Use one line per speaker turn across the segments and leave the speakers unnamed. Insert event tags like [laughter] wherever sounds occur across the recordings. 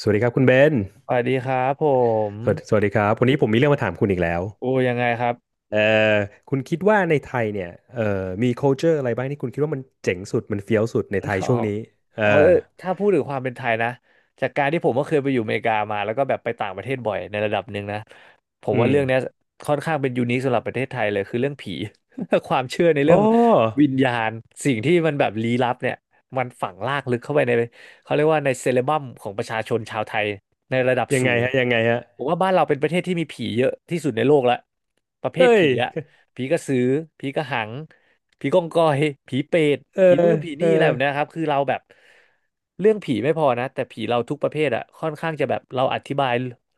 สวัสดีครับคุณเบน
สวัสดีครับผม
สวัสดีครับวันนี้ผมมีเรื่องมาถามคุณอีกแล้ว
โอ้ยังไงครับ
เอ่อคุณคิดว่าในไทยเนี่ยเอ่อมี culture อะไรบ้างที่คุณคิดว่ามันเจ๋งสุดมันเฟี้ยวสุดในไทย
อ๋อ
ช่วงนี้เออ
อ๋อเออถ้าพูดถึงความเป็นไทยนะจากการที่ผมก็เคยไปอยู่อเมริกามาแล้วก็แบบไปต่างประเทศบ่อยในระดับหนึ่งนะผม
อื
ว่า
ม
เรื่องเนี้ยค่อนข้างเป็นยูนิคสำหรับประเทศไทยเลยคือเรื่องผี [laughs] ความเชื่อใน
อ๋
เรื่อง
อ
วิญญาณสิ่งที่มันแบบลี้ลับเนี่ยมันฝังรากลึกเข้าไปในเขาเรียกว่าในเซเลบัมของประชาชนชาวไทยในระดับ
ยัง
สู
ไง
ง
ฮะยังไงฮะ
ผมว่าบ้านเราเป็นประเทศที่มีผีเยอะที่สุดในโลกละประเภท
เฮ้ย
ผีอะ ผีกระสือ ผีกระหัง ผีกองกอย ผีเปรต
เออ
ผีนู่นผี
เออ
นี่อะไรแบบเนี้ยครับคือเราแบบเรื่องผีไม่พอนะแต่ผีเราทุกประเภทอะค่อนข้างจะแบบเราอธิบาย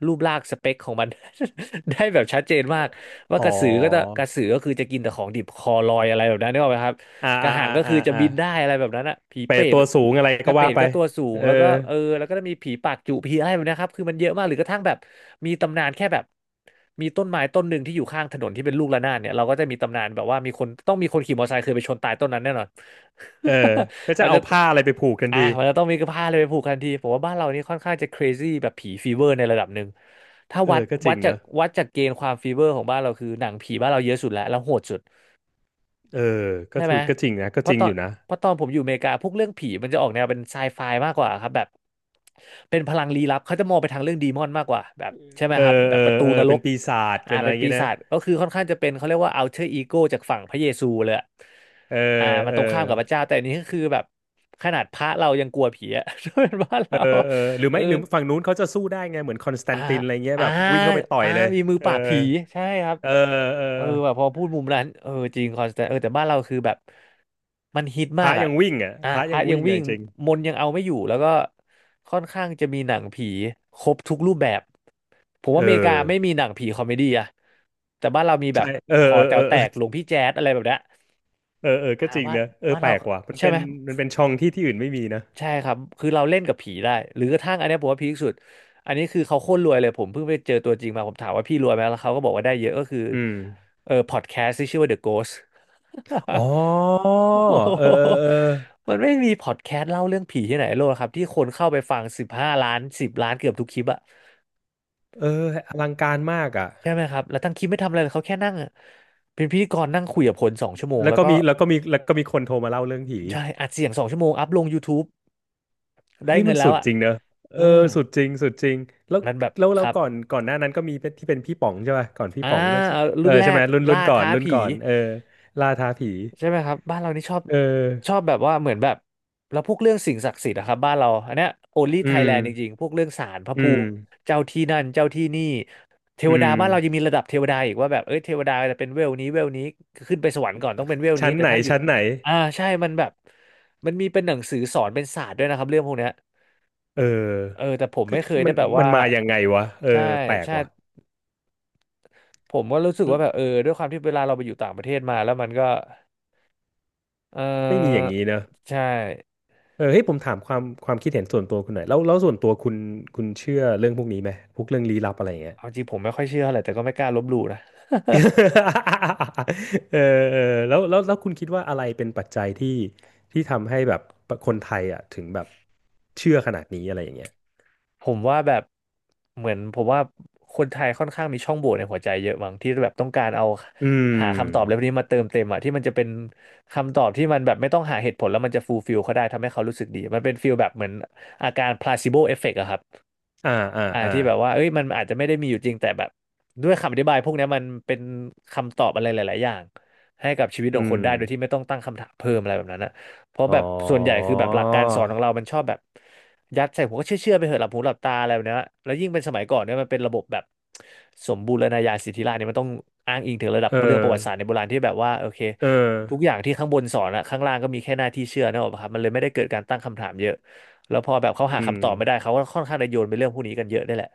รูปร่างสเปคของมัน [laughs] ได้แบบชัดเจนมากว่า
อ๋อ
กระสือก็จะกระสือก็คือจะกินแต่ของดิบคอลอยอะไรแบบนั้นนึกออกไหมครับ
อ่า
กระ
อ่า
หัง
อ่า
ก็
อ่า
คือจะ
อ่า
บินได้อะไรแบบนั้นอะผี
ไป
เปรต
ตัวสูงอะไร
ก
ก็
ระ
ว่า
เป็ด
ไป
ก็ตัวสู
เอ
ง
อ
แล้วก็จะมีผีปากจุผีอะไรแบบเนะครับคือมันเยอะมากหรือกระทั่งแบบมีตำนานแค่แบบมีต้นไม้ต้นหนึ่งที่อยู่ข้างถนนที่เป็นลูกระนาดเนี่ยเราก็จะมีตำนานแบบว่ามีคนต้องมีคนขี่มอเตอร์ไซค์เคยไปชนตายต้นนั้นแน่นอน
เออก็
[laughs]
จะ
มัน
เอา
จะ
ผ้าอะไรไปผูกทันที
มันจะต้องมีกระพาเลยไปผูกทันทีผมว่าบ้านเรานี่ค่อนข้างจะ crazy แบบผีฟีเวอร์ในระดับหนึ่งถ้า
เออ ก็จริงเนอะ
วัดจากเกณฑ์ความฟีเวอร์ของบ้านเราคือหนังผีบ้านเราเยอะสุดแล้วแล้วโหดสุด
เออก็
ใช่
ถู
ไหม
กก็จริงนะก็
เพ
จ
ราะ
ริง
ตอ
อ
น
ยู่นะ
เพราะตอนผมอยู่อเมริกาพวกเรื่องผีมันจะออกแนวเป็นไซไฟมากกว่าครับแบบเป็นพลังลี้ลับเขาจะมองไปทางเรื่องดีมอนมากกว่าแบบใช่ไหม
เอ
ครับ
อ
แบ
เอ
บประ
อ
ตู
เอ
น
อ
ร
เป็น
ก
ปีศาจ
อ่า
เป็นอะไร
เป็น
อย่าง
ปี
งี้
ศา
นะ
จก็คือค่อนข้างจะเป็นเขาเรียกว่า alter ego จากฝั่งพระเยซูเลยอะ
เออ
อ่ามัน
เออ
ตรงข้ามกับพระเจ้าแต่อันนี้ก็คือแบบขนาดพระเรายังกลัวผีอะ [laughs] ถ้าเป็นบ้าน
เอ
เรา
อเออหรือ
เออ
ไม่หรือฝั่งนู้นเขาจะสู้ได้ไงเหมือนคอนสแต
อ่า
นตินอะไรเงี้ย
อ่า
แบบวิ่งเข้าไปต่อย
อ่า
เลย
มีมือ
เอ
ป
อ
ราบผี ใช่ครับ
เออเออ
เออแบบพอพูดมุมนั้นเออจริงคอนสแตนเออแต่บ้านเราคือแบบ มันฮิต
พ
มา
ระ
กอ่ะ
ยังวิ่งอ่ะ
อ่า
พระ
พ
ยั
ระ
ง
ยัง
วิ่ง
วิ่
อะ
ง
จริง
มนต์ยังเอาไม่อยู่ แล้วก็ค่อนข้างจะมีหนังผีครบทุกรูปแบบ ผม
เอ
ว่าอเมริกา
อ
ไม่มีหนังผีคอมเมดี้อะแต่บ้านเรามีแบ
ใช่
บ
เออ
หอ
เออ
แต๋
เอ
ว
อ
แต
เออ
กหลวงพี่แจ๊สอะไรแบบเนี้ย
เออเออก็
อ่า
จริง
บ้าน
นะเออ
บ้าน
แปล
เรา
กว่ะมัน
ใช่
เป็
ไห
น
ม
มันเป็นช่องที่ที่อื่นไม่มีนะ
ใช่ครับ คือเราเล่นกับผีได้ หรือกระทั่งอันเนี้ยผมว่าพีคสุด อันนี้คือเขาโคตรรวยเลยผมเพิ่งไปเจอตัวจริงมาผมถามว่าพี่รวยไหมแล้วเขาก็บอกว่าได้เยอะก็คือ
อืม
เออพอดแคสต์ที่ชื่อว่า The Ghost
อ๋อ
[laughs] โอ้โ
เออเออ
ห
เออ
มันไม่มีพอดแคสต์เล่าเรื่องผีที่ไหนในโลกครับที่คนเข้าไปฟัง15 ล้าน10 ล้านเกือบทุกคลิปอะ
เอออลังการมากอ่ะ
ใช่ไหมครับแล้วทั้งคลิปไม่ทำอะไรเลยเขาแค่นั่งอะเป็นพิธีกรนั่งคุยกับคนสองชั่วโมง
แล้ว
แล้ว
ก็
ก็
มีแล้วก็มีแล้วก็มีคนโทรมาเล่าเรื่องผี
ใช่อัดเสียงสองชั่วโมงอัพลง YouTube ได้
เฮ้ย
เงิ
มัน
นแล้
สุ
ว
ด
อะ
จริงเนอะเอ
อื
อ
ม
สุดจริงสุดจริงแล้ว
มันแบบ
แล้ว
ค
แล้ว
รับ
ก่อนก่อนหน้านั้นก็มีเป็นที่เป็นพี่ป๋องใช่ป่ะก่อนพี่
อ่า
ป๋องก็
เอา
เอ
รุ่
อ
นแร
ใช่ไห
ก
มรุ่นรุ่
ล่า
นก่อน
ท้า
รุ่น
ผี
ก่อนเออล่าท้าผี
ใช่ไหมครับบ้านเรานี่ชอบ
เอ
ชอ
อ
บแบบว่าเหมือนแบบแล้วพวกเรื่องสิ่งศักดิ์สิทธิ์นะครับบ้านเราอันเนี้ย only
อืม
Thailand จริงๆพวกเรื่องศาลพระ
อื
ภู
ม
มิเจ้าที่นั่นเจ้าที่นี่เท
อื
วดา
ม
บ้านเรายังมีระดับเทวดาอีกว่าแบบเอ้ยเทวดาจะเป็นเวลนี้เวลนี้ขึ้นไปสวรรค์ก่อนต้องเป็นเวลนี้
ชั้น
แต่
ไหน
ถ้าอยู่
ชั้นไหน
อ่าใช่มันแบบมันมีเป็นหนังสือสอนเป็นศาสตร์ด้วยนะครับเรื่องพวกเนี้ย
เ
เอ
ออ
อแต่ผม
ก็
ไม่เคย
มั
ได้
น
แบบ
มัน
ว่า
มายังไงวะเออ
ใช่
แปลก
ใช่
ว่ะ
ผมก็รู้สึกว่าแบบด้วยความที่เวลาเราไปอยู่ต่างประเทศมาแล้วมันก็เอ
ไม่มีอย่า
อ
งนี้เนอะ
ใช่
เออเฮ้ยผมถามความความคิดเห็นส่วนตัวคุณหน่อยแล้วแล้วส่วนตัวคุณคุณเชื่อเรื่องพวกนี้ไหมพวกเรื่องลี้ลับอะไรอย่างเงี้ย
เอาจริงผมไม่ค่อยเชื่ออะไรแต่ก็ไม่กล้าลบหลู่นะ
เออเออแล้วแล้วแล้วคุณคิดว่าอะไรเป็นปัจจัยที่ที่ทำให้แบบคนไทยอ่ะถึงแบบเชื่อขนาดนี้อะไรอย่างเงี้ย
[laughs] ผมว่าแบบเหมือนผมว่าคนไทยค่อนข้างมีช่องโหว่ในหัวใจเยอะมั้งที่แบบต้องการเอา
อื
หาคำตอบอะไร
ม
พวกนี้มาเติมเต็มอะที่มันจะเป็นคำตอบที่มันแบบไม่ต้องหาเหตุผลแล้วมันจะฟูลฟิลเขาได้ทำให้เขารู้สึกดีมันเป็นฟิลแบบเหมือนอาการ placebo effect อะครับ
อ่าอ่า
อ่า
อ่า
ที่แบบว่าเอ้ยมันอาจจะไม่ได้มีอยู่จริงแต่แบบด้วยคำอธิบายพวกเนี้ยมันเป็นคำตอบอะไรหลายๆอย่างให้กับชีวิตข
อื
องคน
ม
ได้โดยที่ไม่ต้องตั้งคำถามเพิ่มอะไรแบบนั้นนะเพราะ
อ๋
แบ
อ
บส่วนใหญ่คือแบบหลักการสอนของเรามันชอบแบบยัดใส่หัวก็เชื่อไปเถอะหลับหูหลับตาอะไรแบบเนี้ยแล้วยิ่งเป็นสมัยก่อนเนี่ยมันเป็นระบบแบบสมบูรณาญาสิทธิราชย์เนี่ยมันต้องอ้างอิงถึงระดับ
เออ
เรื่องประวัติศาสตร์ในโบราณที่แบบว่าโอเค
เออ
ทุกอย่างที่ข้างบนสอนอะข้างล่างก็มีแค่หน้าที่เชื่อนะครับมันเลยไม่ได้เกิดการตั้งคำถามเยอะ แล้วพอแบบเขาหา
อืม
คำตอบไม่ได้เขาก็ค่อนข้างจะโยนไปเรื่องพวกนี้กันเยอะได้วยแหละ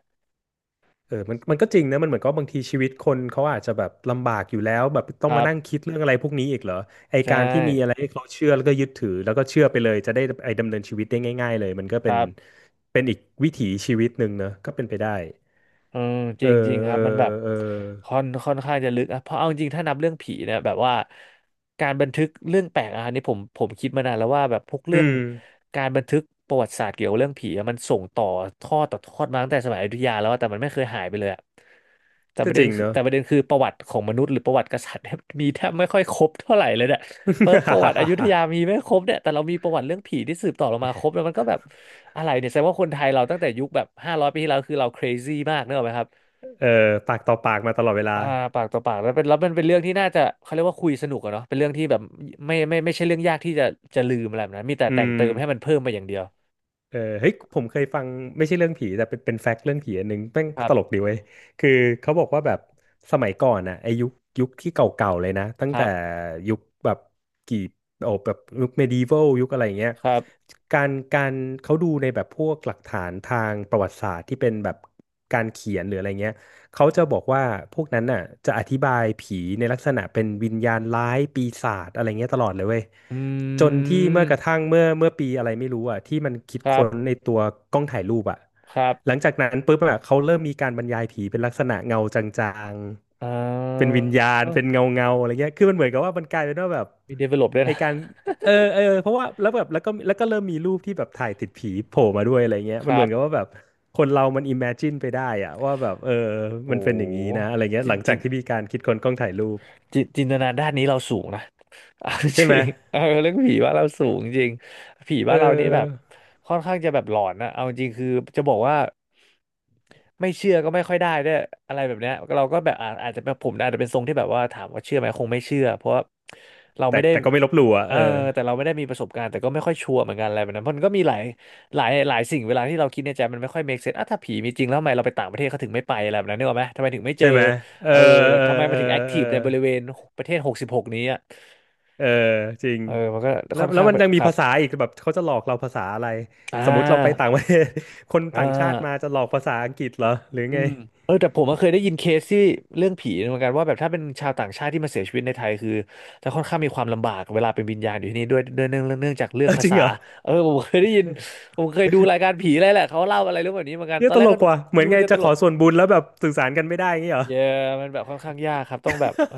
เออมันมันก็จริงนะมันเหมือนกับบางทีชีวิตคนเขาอาจจะแบบลำบากอยู่แล้วแบบต้
ค
อง
รั
มานั่ง
บ
คิดเรื่องอะไรพวกนี้อีกเหรอไอ
ใช่
การที่มีอะไรให้เขาเชื่อแล้วก็ยึดถือแล้วก็เชื่อไปเลยจะได้ไอดำเนินชีวิตได้ง่ายๆเลยมันก็
ค
เป็น
รับ
เป็นอีกวิถีชีวิตหนึ่งเนอะก็เป็นไปได้
เออจ
เออ
ริงจริงครั
เอ
บมันแบบ
อเออ
ค่อนข้างจะลึกอะเพราะเอาจริงถ้านับเรื่องผีเนี่ยแบบว่าการบันทึกเรื่องแปลกอะอันนี้ผมคิดมานานแล้วว่าแบบพวก
อื
เรื่อง
ม
การบันทึกประวัติศาสตร์เกี่ยวกับเรื่องผีอะมันส่งต่อทอดต่อทอดมาตั้งแต่สมัยอยุธยาแล้วอะแต่มันไม่เคยหายไปเลยอะแต่ป
ก็
ระ
จ
เด็
ริ
น
ง
คื
เน
อ
อะ
แต่ประเด็นคือประวัติของมนุษย์หรือประวัติกษัตริย์เนี่ย [laughs] มีแทบไม่ค่อยครบเท่าไหร่เลยนะ เปิประวัติอยุธ
[laughs]
ยามีไม่ครบเนี่ย แต่เรามีประวัติเรื่องผีที่สืบต่อลงมาครบแล้วมันก็แบบอะไรเนี่ยแสดงว่าคนไทยเราตั้งแต่ยุคแบบ500ปีที่แล้วคือเรา crazy มากเนกอะไหมครับ
เออปากต่อปากมาตลอดเวลา
อ่าปากต่อปากแล้วเป็นแล้วมันเป็นเรื่องที่น่าจะเขาเรียกว่าคุยสนุกอะเนาะเป็นเรื่องที่แบบไม่ใช่เรื่องยากที่จะจะลืมอะไรแบบนั้มีแต่
อื
แต่ง
ม
เติมให้มันเพิ่มมาอย่างเดียว
เออเฮ้ยผมเคยฟังไม่ใช่เรื่องผีแต่เป็นเป็นแฟกต์เรื่องผีอันหนึ่งแม่ง
ครั
ตลก
บ
ดีเว้ยคือเขาบอกว่าแบบสมัยก่อนอ่ะไอยุคยุคที่เก่าๆเลยนะตั้ง
ครั
แต่
บ
ยุคแบบกี่โอ้แบบยุคเมดิวัลยุคอะไรอย่างเงี้ย
ครับ
การการเขาดูในแบบพวกหลักฐานทางประวัติศาสตร์ที่เป็นแบบการเขียนหรืออะไรเงี้ย เขาจะบอกว่าพวกนั้นน่ะจะอธิบายผีในลักษณะเป็นวิญญาณร้ายปีศาจอะไรเงี้ยตลอดเลยเว้ย
อ
จ
ื
นที่เมื่อกระ
ม
ทั่งเมื่อเมื่อปีอะไรไม่รู้อ่ะที่มันคิด
ครั
ค้นใน
บ
ตัวกล้องถ่ายรูปอ่ะ
ครับ
หลังจากนั้นปุ๊บอ่ะเขาเริ่มมีการบรรยายผีเป็นลักษณะเงาจาง
อ่
ๆเป็นวิญ
า
ญาณเป็นเงาเงาอะไรเงี้ยคือมันเหมือนกับว่ามันกลายเป็นว่าแบบ
มี develop ด้วย
ไอ
นะ
การ เออเออเพราะว่าแล้วแบบแล้วก็แล้วก็เริ่มมีรูปที่แบบถ่ายติดผีโผล่มาด้วยอะไรเงี้ย
[laughs] ค
มันเห
รั
มือ
บ
นกับว่าแบบคนเรามัน imagine ไปได้อะว่าแบบเออ
โห
มันเป็นอย่างนี้นะอะไรเงี้ย
จิ
หลัง
จิ
จาก
ง
ที่มีการคิดค้นกล้องถ่ายรูป
จินตนาด้านนี้เราสูงนะ [laughs] เอาจ
ใช่ไหม
ริงเออเรื่องผีบ้านเราสูงจริง ผี
เ
บ้านเรานี่แบบ
ออ
ค่อนข้างจะแบบหลอนนะเอาจริงคือจะบอกว่าไม่เชื่อก็ไม่ค่อยได้ด้วยอะไรแบบเนี้ยเราก็แบบอาจจะเป็นผมอาจจะเป็นทรงที่แบบว่าถามว่าเชื่อไหมคงไม่เชื่อเพราะว่าเราไม่
แต่
ได้
แต่ก็ไม่ลบหลู่อ่ะ
เออ
เออ
แต่เราไม่ได้มีประสบการณ์แต่ก็ไม่ค่อยชัวร์เหมือนกันอะไรแบบนั้นเพราะมันก็มีหลายสิ่งเวลาที่เราคิดในใจมันไม่ค่อย make sense อ่ะถ้าผีมีจริงแล้วทำไมเราไปต่างประเทศเขาถึงไม่ไปอะไรแบบนั้นนึกออกไหมทำไมถึงไม่เจ
ใช่
อ
ไหมเออ
เออ
เออ
ทำไมมั
เอ
น
อ
ถึงแอค
เอ
ทีฟ
อ
ในบริเวณประเทศ66นี้อ่ะ
เออจริง
เออมันก็
แล้
ค่
ว
อน
แล้ว
ข้าง
มัน
แบบ
ยัง
ค
มี
รับ
ภาษาอีกแบบเขาจะหลอกเราภาษาอะไร
อ่
สมมติเราไป
า
ต่างประเทศ [laughs] คน
อ่
ต่างชาติมา
า
จะหลอกภาษาอังกฤษเหรอหรือ
อื
ไง
มเออแต่ผมก็เคยได้ยินเคสที่เรื่องผีเหมือนกันว่าแบบถ้าเป็นชาวต่างชาติที่มาเสียชีวิตในไทยคือจะค่อนข้างมีความลำบากเวลาเป็นวิญญาณอยู่ที่นี่ด้วยเนื่องจากเรื่อ
เอ
ง
อ
ภา
จริง
ษา
เหรอ
เออผมเคยได้ยิน ผมเคยดูรายการผีอะไรแหละเขาเล่าอะไรเรื่องแบบนี้เหมือนกัน
เย
ตอ
อะ
น
ต
แร
ล
กก็
ก
ดู
ว่ะเหมือ
ดู
นไง
จะต
จะข
ล
อ
ก
ส่วนบุญแล้วแบบสื่อสารกันไม่ได้อย่างงี้เหรอ
เยอะมันแบบค่อนข้างยากครับต้องแบบเออ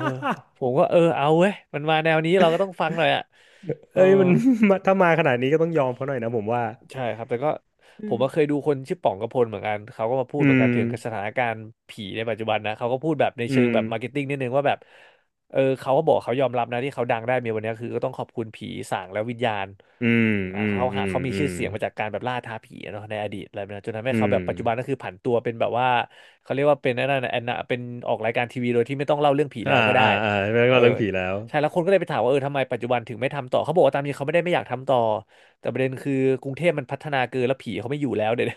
ผมก็ เออเอาเว้ยมันมาแนวนี้เราก็ต้องฟังหน่อยอ่ะเออ
เอ้ยมัน [laughs] มาถ้ามาขนาดนี้ก็ต้องยอมเขาหน่อยนะผมว่า
ใช่ครับแต่ก็
อื
ผม
ม
ก็เคยดูคนชื่อป๋องกระพลเหมือนกันเขาก็มาพูด
อื
เหมือนกั
ม
นถึงสถานการณ์ผีในปัจจุบันนะเขาก็พูดแบบใน
อื
เชิง
ม
แบบมาร์เก็ตติ้งนิดนึงว่าแบบเออเขาก็บอกเขายอมรับนะที่เขาดังได้มีวันนี้คือก็ต้องขอบคุณผีสางและวิญญาณ
อืม
อ่า
อืม
เขา
อื
หา
ม
เขามี
อื
ชื่อ
ม
เสียงมาจากการแบบล่าท้าผีอะเนาะในอดีตอะไรแบบนั้นจนทำให้
อื
เขาแบบ
ม
ปัจจุบันก็คือผันตัวเป็นแบบว่าเขาเรียกว่าเป็นนั่นนะแอนนาเป็นออกรายการทีวีโดยที่ไม่ต้องเล่าเรื่องผี
อ่า
แล้วก็ได้
อ่าอ่าแล้ว
เอ
ก็
อ
เรื่องผีแล้ว
ใช่แล้วคนก็เลยไปถามว่าเออทำไมปัจจุบันถึงไม่ทำต่อเขาบอกว่าตามจริงเขาไม่อยากทำต่อแต่ประเด็นคือกรุงเทพมันพัฒนาเกินแล้วผีเขาไม่อยู่แล้วเดี๋ยว [laughs] นี้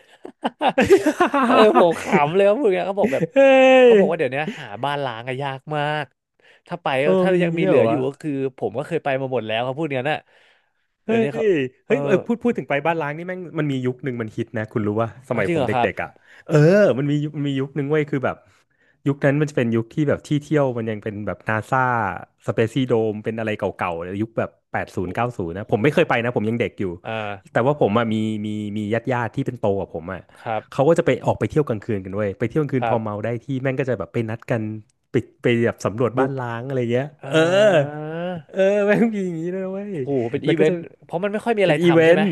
[laughs] เออผมขำเล
[laughs]
ยว่าพวกเนี้ยเขาบอกแบบ
เฮ้ย
เขาบอกว่าเดี๋ยวนี้หาบ้านล้างอะยากมากถ้าไปก็
โอ้
ถ้า
มีอ
ยั
ย่า
ง
งงี้
มี
ด้ว
เห
ย
ลื
เหร
อ
อ
อยู่
วะ
ก็คือผมก็เคยไปมาหมดแล้วเขาพวกเนี้ยน่ะเดี๋ย
เฮ้
ว
ย
นี้เขา เออ
เฮ้ยเออพูดพูดถึงไปบ้านล้างนี่แม่งมันมียุคหนึ่งมันฮิตนะคุณรู้ว่าส
แล้ว
มัย
จริ
ผ
งเห
ม
รอครับ
เด็กๆอ่ะเออมันมียุคมันมียุคหนึ่งเว้ยคือแบบยุคนั้นมันจะเป็นยุคที่แบบที่เที่ยวมันยังเป็นแบบนาซาสเปซี่โดมเป็นอะไรเก่าๆยุคแบบแปดศูนย์
โอ้
เก้าศูนย์นะผ
โห
มไม่เคยไปนะผมยังเด็กอยู่
อ่า
แต่ว่าผมอ่ะมีมีมีญาติญาติที่เป็นโตกว่าผมอ่ะ
ครับ
เขาก็จะไปออกไปเที่ยวกลางคืนกันเว้ยไปเที่ยวกลางคื
ค
นพ
รับ
อเมาได้ที่แม่งก็จะแบบไปนัดกันไปไปแบบสำรวจบ้า
บุ
น
ก
ล้างอะไรเงี้ย
อ่
เออ
า
เออ [laughs] แม่งมีอย่างนี้ด้วยนะเว้ย
โหเป็น
แล้
อี
ว
เว
ก็
น
จะ
ต์เพราะมันไม่ค่อยมีอะ
เป็
ไร
นอีเว
ทำใช่
น
ไหม
ต์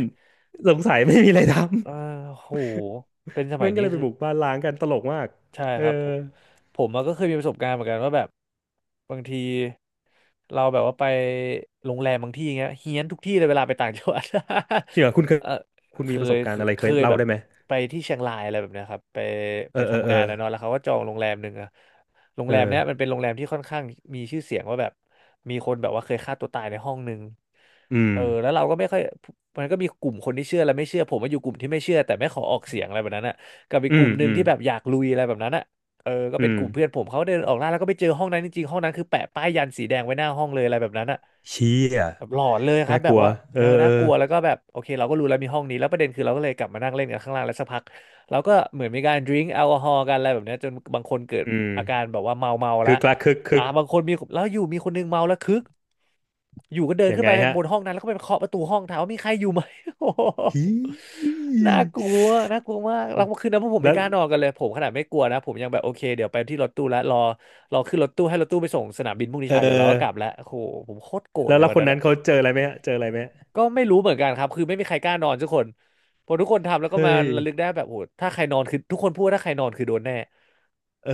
สงสัยไม่มีอะไร
อ่า
ทำ
โหเป็นส
[laughs]
มั
มั
ย
นก็
นี้
เลยไป
คือ
บุกบ้านล้างกันตลกมาก
ใช่
เอ
ค
อ
รับผมผมอะก็เคยมีประสบการณ์เหมือนกันว่าแบบบางทีเราแบบว่าไปโรงแรมบางที่เงี้ยเฮี้ยนทุกที่เลยเวลาไปต่างจังหวัด
ที่เหรอคุณเค
[laughs]
ย
เออ
คุณ
เค
มีประส
ย
บกา
เค
รณ์
ย
อะไร
เค
เคย
ย
เล่า
แบบ
ได้ไหม
ไปที่เชียงรายอะไรแบบเนี้ยครับไป
เอ
ไป
อเออ
ทำ
เออ
งานนะเนาะแล้วเขาก็จองโรงแรมหนึ่งอะโรง
เออ
แรมเนี้ยมันเป็นโรงแรมที่ค่อนข้างมีชื่อเสียงว่าแบบมีคนแบบว่าเคยฆ่าตัวตายในห้องหนึ่ง
อืม
เออแล้วเราก็ไม่ค่อยมันก็มีกลุ่มคนที่เชื่อและไม่เชื่อผมว่าอยู่กลุ่มที่ไม่เชื่อแต่ไม่ขอออกเสียงอะไรแบบนั้นอะ กับอีก
อื
กลุ่
ม
มหนึ่
อื
ง
ม
ที่แบบอยากลุยอะไรแบบนั้นอ่ะเออก็
อื
เป็น
ม
กลุ่มเพื่อนผมเขาเดินออกล่าแล้วก็ไปเจอห้องนั้นจริงๆห้องนั้นคือแปะป้ายยันสีแดงไว้หน้าห้องเลยอะไรแบบนั้นอ่ะ
เชี่ย
แบบหลอนเลยครั
น่า
บแบ
ก
บ
ลัว
ว่า
เอ
เออ
อเอ
น่า
อ
กลัวแล้วก็แบบโอเคเราก็รู้แล้วมีห้องนี้แล้วประเด็นคือเราก็เลยกลับมานั่งเล่นกันข้างล่างแล้วสักพักเราก็เหมือนมีการดื่มแอลกอฮอล์กันอะไรแบบเนี้ยจนบางคนเกิด
อืม
อาการแบบว่าเมาแล
คื
ว
อคลักคึกคึก
บางคนมีแล้วอยู่มีคนนึงเมาแล้วคึก อยู่ก็เดิน
ยั
ขึ้
ง
น
ไง
ไป
ฮะ
บนห้องนั้นแล้วก็ไปเคาะประตูห้องถามว่ามีใครอยู่ไหม [laughs] โอ้โห
ฮี
[laughs] น่ากลัว น่ากลัวมากแล้วคืนนั้นพวกผมไม่
แล้ว
กล้านอนกันเลยผมขนาดไม่กลัวนะผมยังแบบโอเคเดี๋ยวไปที่รถตู้แล้วรอรอขึ้นรถตู้ให้รถตู้ไปส่งสนามบินพรุ่งนี้
เอ
เช้าเดี๋ยวเราก็
อ
กลับแล้วโอ้โหผมโคตรโกรธ
แล้ว
เลย
แล้ว
วัน
คน
นั้น
นั้น
อะ
เขาเจออะไรไหมฮะเจออะไรไหมฮะ
ก็ไม่รู้เหมือนกันครับคือไม่มีใครกล้านอนสักคนพอทุกคนทำแล้วก็มา
เฮ้ย
ระลึกได้แบบโอ้โหถ้าใครนอนคือทุกคนพูดว่าถ้าใครนอนคือโดนแน่
เออ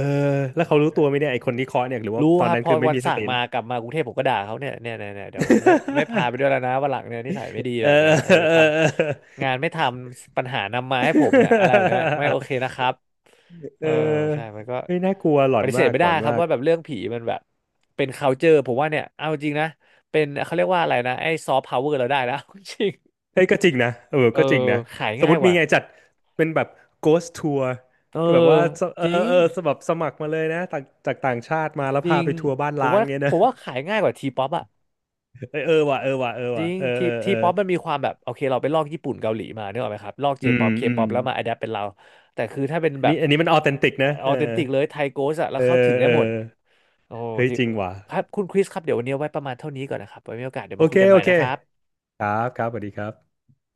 แล้วเขารู้ตัวไหมเนี่ยไอคนที่เคาะเนี่ยหรือว่า
รู้
ตอ
ค
น
รับ
นั้น
พอ
คือไม่
วัน
มีส
สั่ง
ติ
มา
ละ
กลับมากรุงเทพผมก็ด่าเขาเนี่ยเดี๋ยวผมไม่พาไป
[laughs]
ด้วยแล้วนะวันหลังเนี่ยนิสัยไม่ดี
เอ
แบ
อ
บเนี้ย
[laughs]
เอ
เอ
อ
อ
ท
เออเออ
ำงานไม่ทำปัญหานำมาให้ผมเนี่ยอะไรแบบเนี้ยไม่โอเคนะครับเอ
เออ
อใช่มันก็
เฮ้ยน่ากลัวหล
ป
อน
ฏิเส
มา
ธ
ก
ไม่
หล
ได้
อน
ครับ
มาก
ว่าแบบเรื่องผีมันแบบเป็น culture ผมว่าเนี่ยเอาจริงนะเป็นเขาเรียกว่าอะไรนะไอ้ซอฟต์พาวเวอร์เราได้แล้ว [laughs] จริง
เฮ้ยก็จริงนะเออ
เอ
ก็จริง
อ
นะ
ขาย
สมม
ง่าย
ติ
ก
มี
ว่า
ไงจัดเป็นแบบ ghost tour
เออ
ก็แบบว่าสเอ
จ
อ
ริง
เออสมัครสมัครมาเลยนะต่างจากต่างชาติมาแล้ว
จริ
พา
ง
ไปทัวร์บ้าน
ผม
ล้าง
ว่า
เงี้ย
ผ
นะ
มว่าขายง่ายกว่าทีป๊อปอะ
เออเออว่ะเออว่ะเออ
จริ
ว่ะ
ง
เออ
ที
เออเอ
ที
อ
ป๊อปมันมีความแบบโอเคเราไปลอกญี่ปุ่นเกาหลีมาเนกออกไหมครับลอกเจ
อื
ป๊
ม
อปเค
อื
ป๊
ม
อปแล้วมาอะแดปเป็นเราแต่คือถ้าเป็นแบบ
นี่อันนี้มันออเทนติกนะ
ออ
เอ
เทน
อ
ติกเลยไทยโกสอะแล้
เอ
วเข้าถึ
อ
งได้
เออ
หมดโอ้
เฮ้ย
จริง
จริงว่ะ
ครับคุณคริสครับเดี๋ยววันนี้เอาไว้ประมาณเท่านี้ก่อนนะครับไว้มีโอกาสเดี๋ยว
โอ
มาคุ
เค
ยกันให
โอ
ม่
เค
นะครับ
ครับครับสวัสดีครับ